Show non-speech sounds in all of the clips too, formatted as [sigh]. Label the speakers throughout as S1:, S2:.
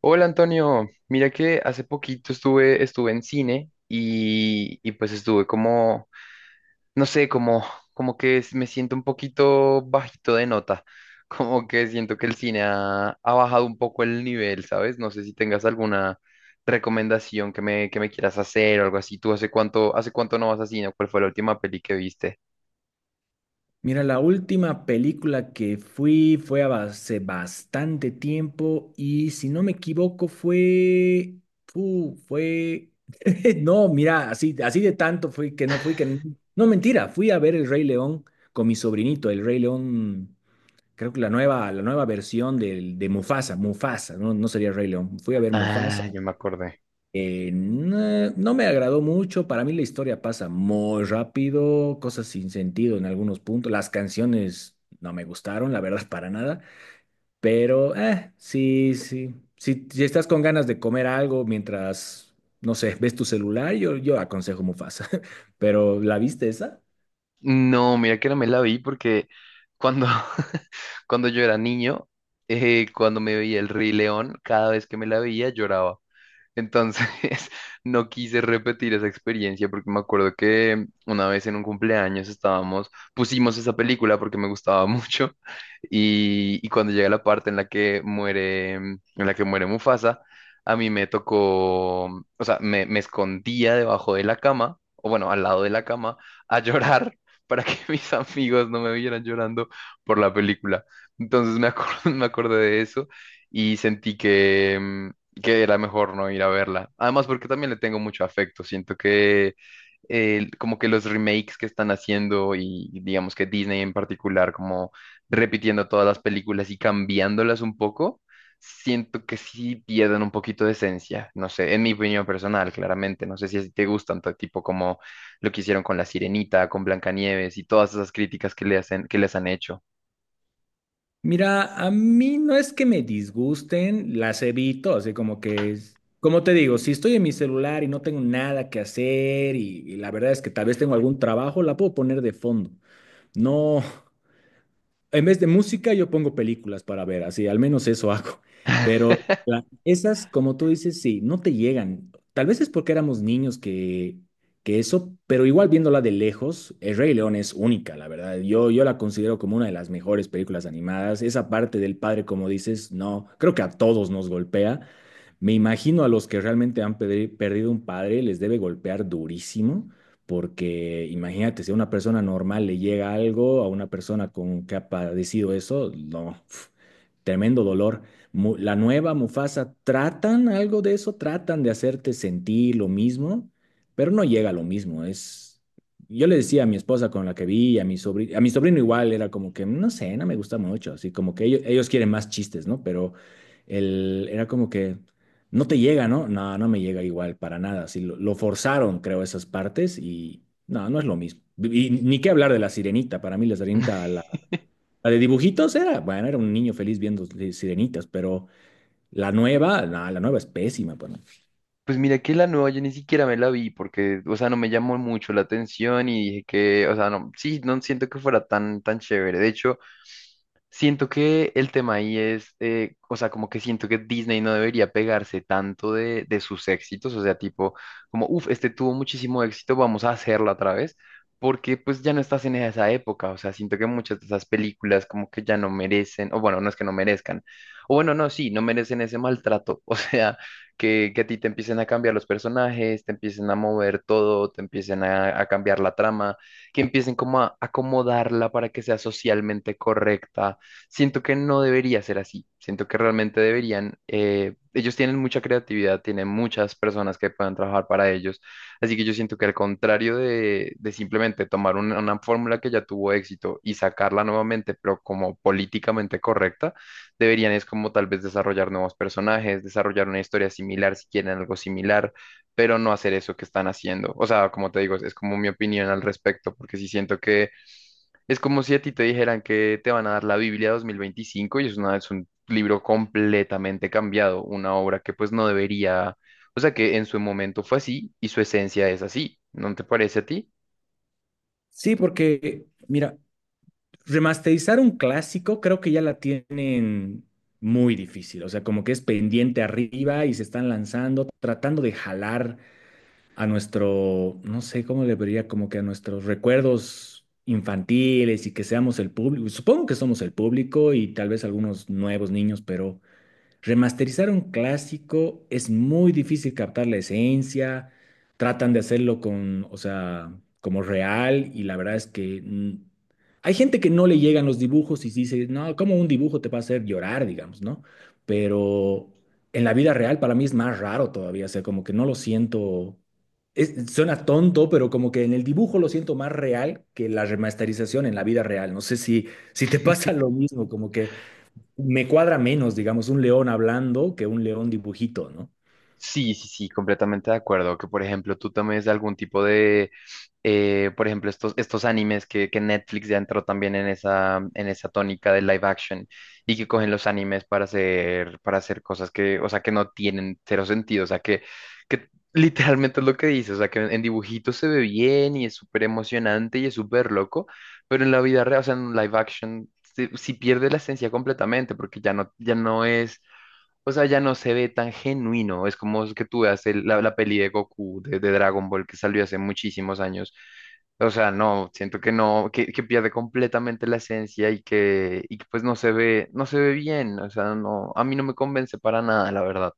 S1: Hola Antonio, mira que hace poquito estuve en cine y pues estuve como, no sé, como, me siento un poquito bajito de nota. [laughs] Como que siento que el cine ha bajado un poco el nivel, ¿sabes? No sé si tengas alguna recomendación que me quieras hacer o algo así. ¿Tú hace cuánto no vas a cine? ¿Cuál fue la última peli que viste?
S2: Mira, la última película que fui fue hace bastante tiempo y si no me equivoco fue... [laughs] No, mira, así, así de tanto fui que... No, mentira, fui a ver El Rey León con mi sobrinito, El Rey León, creo que la nueva versión de Mufasa, Mufasa, no, no sería Rey León, fui a ver Mufasa.
S1: Ah, yo me acordé.
S2: No, no me agradó mucho. Para mí la historia pasa muy rápido, cosas sin sentido en algunos puntos, las canciones no me gustaron, la verdad, [laughs] para nada, pero sí, sí, si, si estás con ganas de comer algo mientras, no sé, ves tu celular, yo aconsejo Mufasa, [laughs] pero ¿la viste esa?
S1: No, mira que no me la vi porque cuando, [laughs] cuando yo era niño, cuando me veía el Rey León, cada vez que me la veía lloraba. Entonces, [laughs] no quise repetir esa experiencia porque me acuerdo que una vez en un cumpleaños estábamos, pusimos esa película porque me gustaba [laughs] mucho y cuando llega la parte en la que muere, en la que muere Mufasa, a mí me tocó, o sea, me escondía debajo de la cama, o bueno, al lado de la cama, a [laughs] llorar para que [laughs] mis amigos no me vieran llorando por la película. Entonces [laughs] me acordé de eso y sentí que, que era mejor no ir a verla. Además, porque también le tengo mucho afecto. Siento que como que los remakes que están haciendo y digamos que Disney en particular, como repitiendo todas las películas y cambiándolas un poco, siento que sí pierden un poquito de esencia. No sé, en mi opinión personal, claramente. No sé si a te gustan, todo tipo como lo que hicieron con La Sirenita, con Blancanieves y todas esas críticas que le hacen, que les han hecho.
S2: Mira, a mí no es que me disgusten, las evito, así como que es, como te digo, si estoy en mi celular y no tengo nada que hacer y la verdad es que tal vez tengo algún trabajo, la puedo poner de fondo. No, en vez de música, yo pongo películas para ver, así, al menos eso [laughs] hago. Pero
S1: [laughs]
S2: esas, como tú dices, sí, no te llegan. Tal vez es porque éramos niños que eso, pero igual viéndola de lejos, El Rey León es única, la verdad. Yo la considero como una de las mejores películas animadas. Esa parte del padre, como dices, no, creo que a todos nos golpea. Me imagino a los que realmente han perdido un padre, les debe golpear durísimo, porque imagínate, si a una persona normal le llega algo, a una persona con que ha padecido eso, no, pf, tremendo dolor. La nueva Mufasa, tratan algo de eso, tratan de hacerte sentir lo mismo, pero no llega a lo mismo. Es, yo le decía a mi esposa con la que vi, a mi sobrino igual, era como que, no sé, no me gusta mucho, así como que ellos quieren más chistes, ¿no? Pero el, era como que... No te llega, ¿no? No, no me llega igual para nada. Sí, lo forzaron, creo, esas partes y no, no es lo mismo. Y ni qué hablar de la sirenita. Para mí la sirenita, la de dibujitos era, bueno, era un niño feliz viendo sirenitas, pero la nueva, no, la nueva es pésima para mí.
S1: Pues mira que la nueva yo ni siquiera me la vi porque, o sea, no me llamó mucho la atención y dije que, o sea, no, sí, no siento que fuera tan, tan chévere. De hecho, siento que el tema ahí es, o sea, como que siento que Disney no debería pegarse tanto de sus éxitos, o sea, tipo, como, uff, este tuvo muchísimo éxito, vamos a hacerlo otra vez, porque pues ya no estás en esa época, o sea, siento que muchas de esas películas como que ya no merecen, o bueno, no es que no merezcan, o bueno, no, sí, no merecen ese maltrato, [laughs] o sea, que a ti te empiecen a cambiar los personajes, te empiecen a mover todo, te empiecen a cambiar la trama, que empiecen como a acomodarla para que sea socialmente correcta. Siento que no debería ser así. Siento que realmente deberían. Ellos tienen mucha creatividad, tienen muchas personas que puedan trabajar para ellos. Así que yo siento que al contrario de simplemente tomar una fórmula que ya tuvo éxito y sacarla nuevamente, pero como políticamente correcta, deberían es como tal vez desarrollar nuevos personajes, desarrollar una historia similar, si quieren algo similar, pero no hacer eso que están haciendo. O sea, como te digo, es como mi opinión al respecto, porque sí siento que es como si a ti te dijeran que te van a dar la Biblia 2025 y es una, es un libro completamente cambiado, una obra que pues no debería, o sea que en su momento fue así y su esencia es así, ¿no te parece a ti?
S2: Sí, porque, mira, remasterizar un clásico creo que ya la tienen muy difícil. O sea, como que es pendiente arriba y se están lanzando, tratando de jalar a nuestro, no sé cómo le vería, como que a nuestros recuerdos infantiles y que seamos el público. Supongo que somos el público y tal vez algunos nuevos niños, pero remasterizar un clásico es muy difícil captar la esencia, tratan de hacerlo con, o sea, como real y la verdad es que hay gente que no le llegan los dibujos y sí dice, no, cómo un dibujo te va a hacer llorar, digamos, ¿no? Pero en la vida real para mí es más raro todavía, o sea, como que no lo siento, suena tonto, pero como que en el dibujo lo siento más real que la remasterización en la vida real. No sé si, si te pasa lo mismo, como que me cuadra menos, digamos, un león hablando que un león dibujito, ¿no?
S1: Sí, sí, sí, completamente de acuerdo. Que por ejemplo tú tomes algún tipo de, por ejemplo, estos, estos animes que Netflix ya entró también en esa tónica de live action y que cogen los animes para hacer cosas que, o sea, que no tienen cero sentido. O sea, que [laughs] literalmente es lo que dices. O sea, que en dibujitos se ve bien y es súper emocionante y es súper loco, pero en la vida real, o sea, en live action, si si pierde la esencia completamente porque ya no, ya no es. O sea, ya no se ve tan genuino. Es como que tú veas la, la peli de Goku de Dragon Ball que salió hace muchísimos años. O sea, no, siento que no, que pierde completamente la esencia y que pues no se ve, no se ve bien. O sea, no, a mí no me convence para nada, la verdad.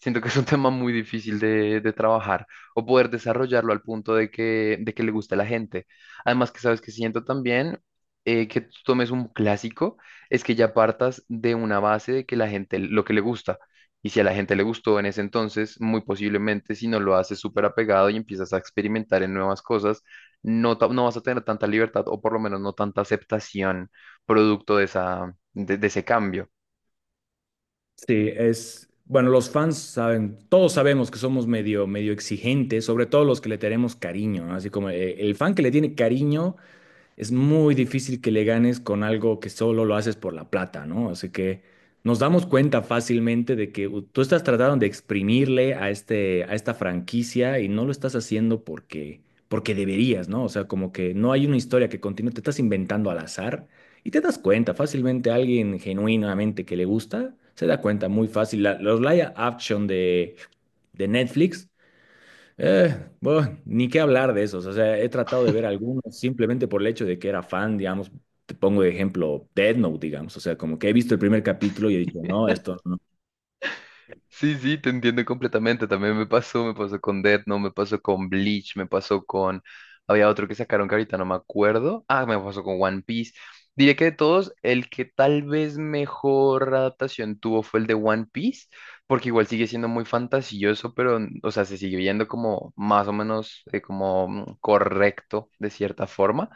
S1: Siento que es un tema muy difícil de trabajar o poder desarrollarlo al punto de que le guste a la gente. Además que sabes que siento también que tú tomes un clásico, es que ya partas de una base de que la gente lo que le gusta. Y si a la gente le gustó en ese entonces, muy posiblemente si no lo haces súper apegado y empiezas a experimentar en nuevas cosas, no, no vas a tener tanta libertad o por lo menos no tanta aceptación producto de esa, de ese cambio.
S2: Sí, es, bueno, los fans saben, todos sabemos que somos medio, medio exigentes, sobre todo los que le tenemos cariño, ¿no? Así como el fan que le tiene cariño es muy difícil que le ganes con algo que solo lo haces por la plata, ¿no? Así que nos damos cuenta fácilmente de que tú estás tratando de exprimirle a este, a esta franquicia y no lo estás haciendo porque, porque deberías, ¿no? O sea, como que no hay una historia que continúe, te estás inventando al azar y te das cuenta fácilmente alguien genuinamente que le gusta, se da cuenta muy fácil. Los live action de Netflix. Eh, bueno, ni qué hablar de esos. O sea, he tratado de ver algunos simplemente por el hecho de que era fan, digamos. Te pongo de ejemplo Death Note, digamos. O sea, como que he visto el primer capítulo y he dicho, no, esto no.
S1: Sí, sí, te entiendo completamente. También me pasó con Death Note, me pasó con Bleach, me pasó con... Había otro que sacaron que ahorita no me acuerdo. Ah, me pasó con One Piece. Diría que de todos, el que tal vez mejor adaptación tuvo fue el de One Piece, porque igual sigue siendo muy fantasioso, pero, o sea, se sigue viendo como más o menos como correcto de cierta forma.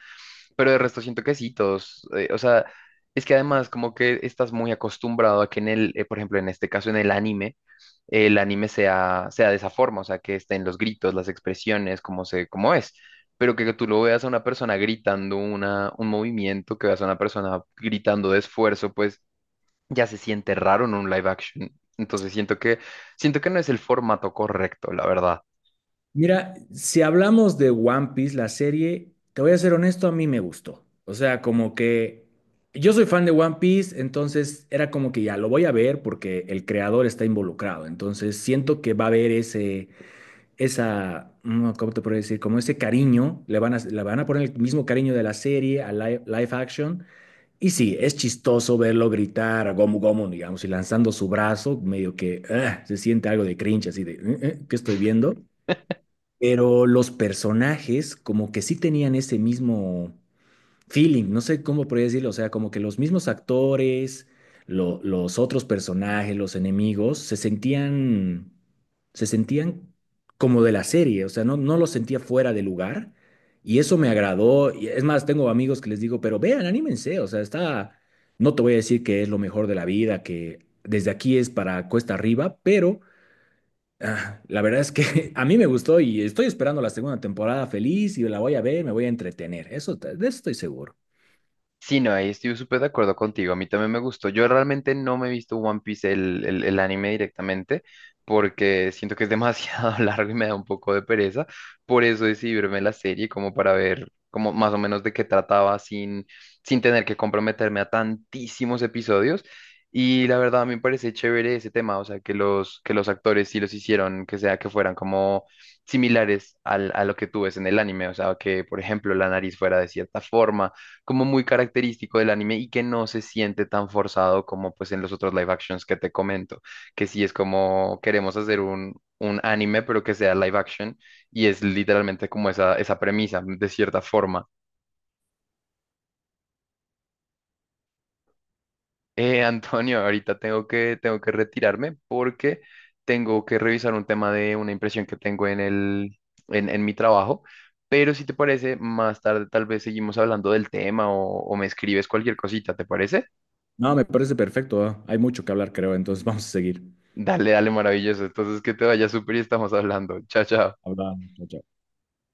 S1: Pero de resto siento que sí, todos, o sea, es que además como que estás muy acostumbrado a que en el, por ejemplo, en este caso en el anime, el anime sea de esa forma, o sea, que estén los gritos, las expresiones, como se, como es, pero que, tú lo veas a una persona gritando una, un movimiento, que veas a una persona gritando de esfuerzo, pues ya se siente raro en un live action. Entonces siento que no es el formato correcto, la verdad.
S2: Mira, si hablamos de One Piece, la serie, te voy a ser honesto, a mí me gustó. O sea, como que yo soy fan de One Piece, entonces era como que ya lo voy a ver porque el creador está involucrado. Entonces siento que va a haber ese ¿cómo te puedo decir? Como ese cariño, le van a poner el mismo cariño de la serie a live, action. Y sí, es chistoso verlo gritar a Gomu Gomu, digamos, y lanzando su brazo, medio que ah, se siente algo de cringe, así de, ¿qué estoy viendo?" Pero los personajes como que sí tenían ese mismo feeling, no sé cómo podría decirlo, o sea, como que los mismos actores, los otros personajes, los enemigos, se sentían como de la serie, o sea, no, no los sentía fuera de lugar y eso me agradó. Y es más, tengo amigos que les digo, pero vean, anímense, o sea, está, no te voy a decir que es lo mejor de la vida, que desde aquí es para cuesta arriba, pero... La verdad es que [laughs] a mí me gustó y estoy esperando la segunda temporada feliz y la voy a ver, me voy a entretener. Eso, de eso estoy seguro.
S1: Sí, no, ahí estoy súper de acuerdo contigo. A mí también me gustó. Yo realmente no me he visto One Piece, el, el anime directamente, porque siento que es demasiado [laughs] largo y me da un poco de pereza. Por eso decidí verme la serie como para ver como más o menos de qué trataba sin, sin tener que comprometerme a tantísimos episodios. Y la verdad, a mí me parece chévere ese tema, o sea, que los actores sí los hicieron, que sea que fueran como similares a lo que tú ves en el anime, o sea, que por ejemplo la nariz fuera de cierta forma como muy característico del anime y que no se siente tan forzado como pues en los otros live actions que te comento, que sí es como queremos hacer un anime pero que sea live action y es literalmente como esa premisa de cierta forma. Antonio, ahorita tengo que retirarme porque tengo que revisar un tema de una impresión que tengo en el, en mi trabajo. Pero si te parece, más tarde tal vez seguimos hablando del tema o me escribes cualquier cosita, ¿te parece?
S2: No, me parece perfecto. Hay mucho que hablar, creo. Entonces vamos a seguir.
S1: Dale, dale, maravilloso. Entonces, que te vaya súper y estamos hablando. Chao, chao.
S2: Hablando. Chao, chao.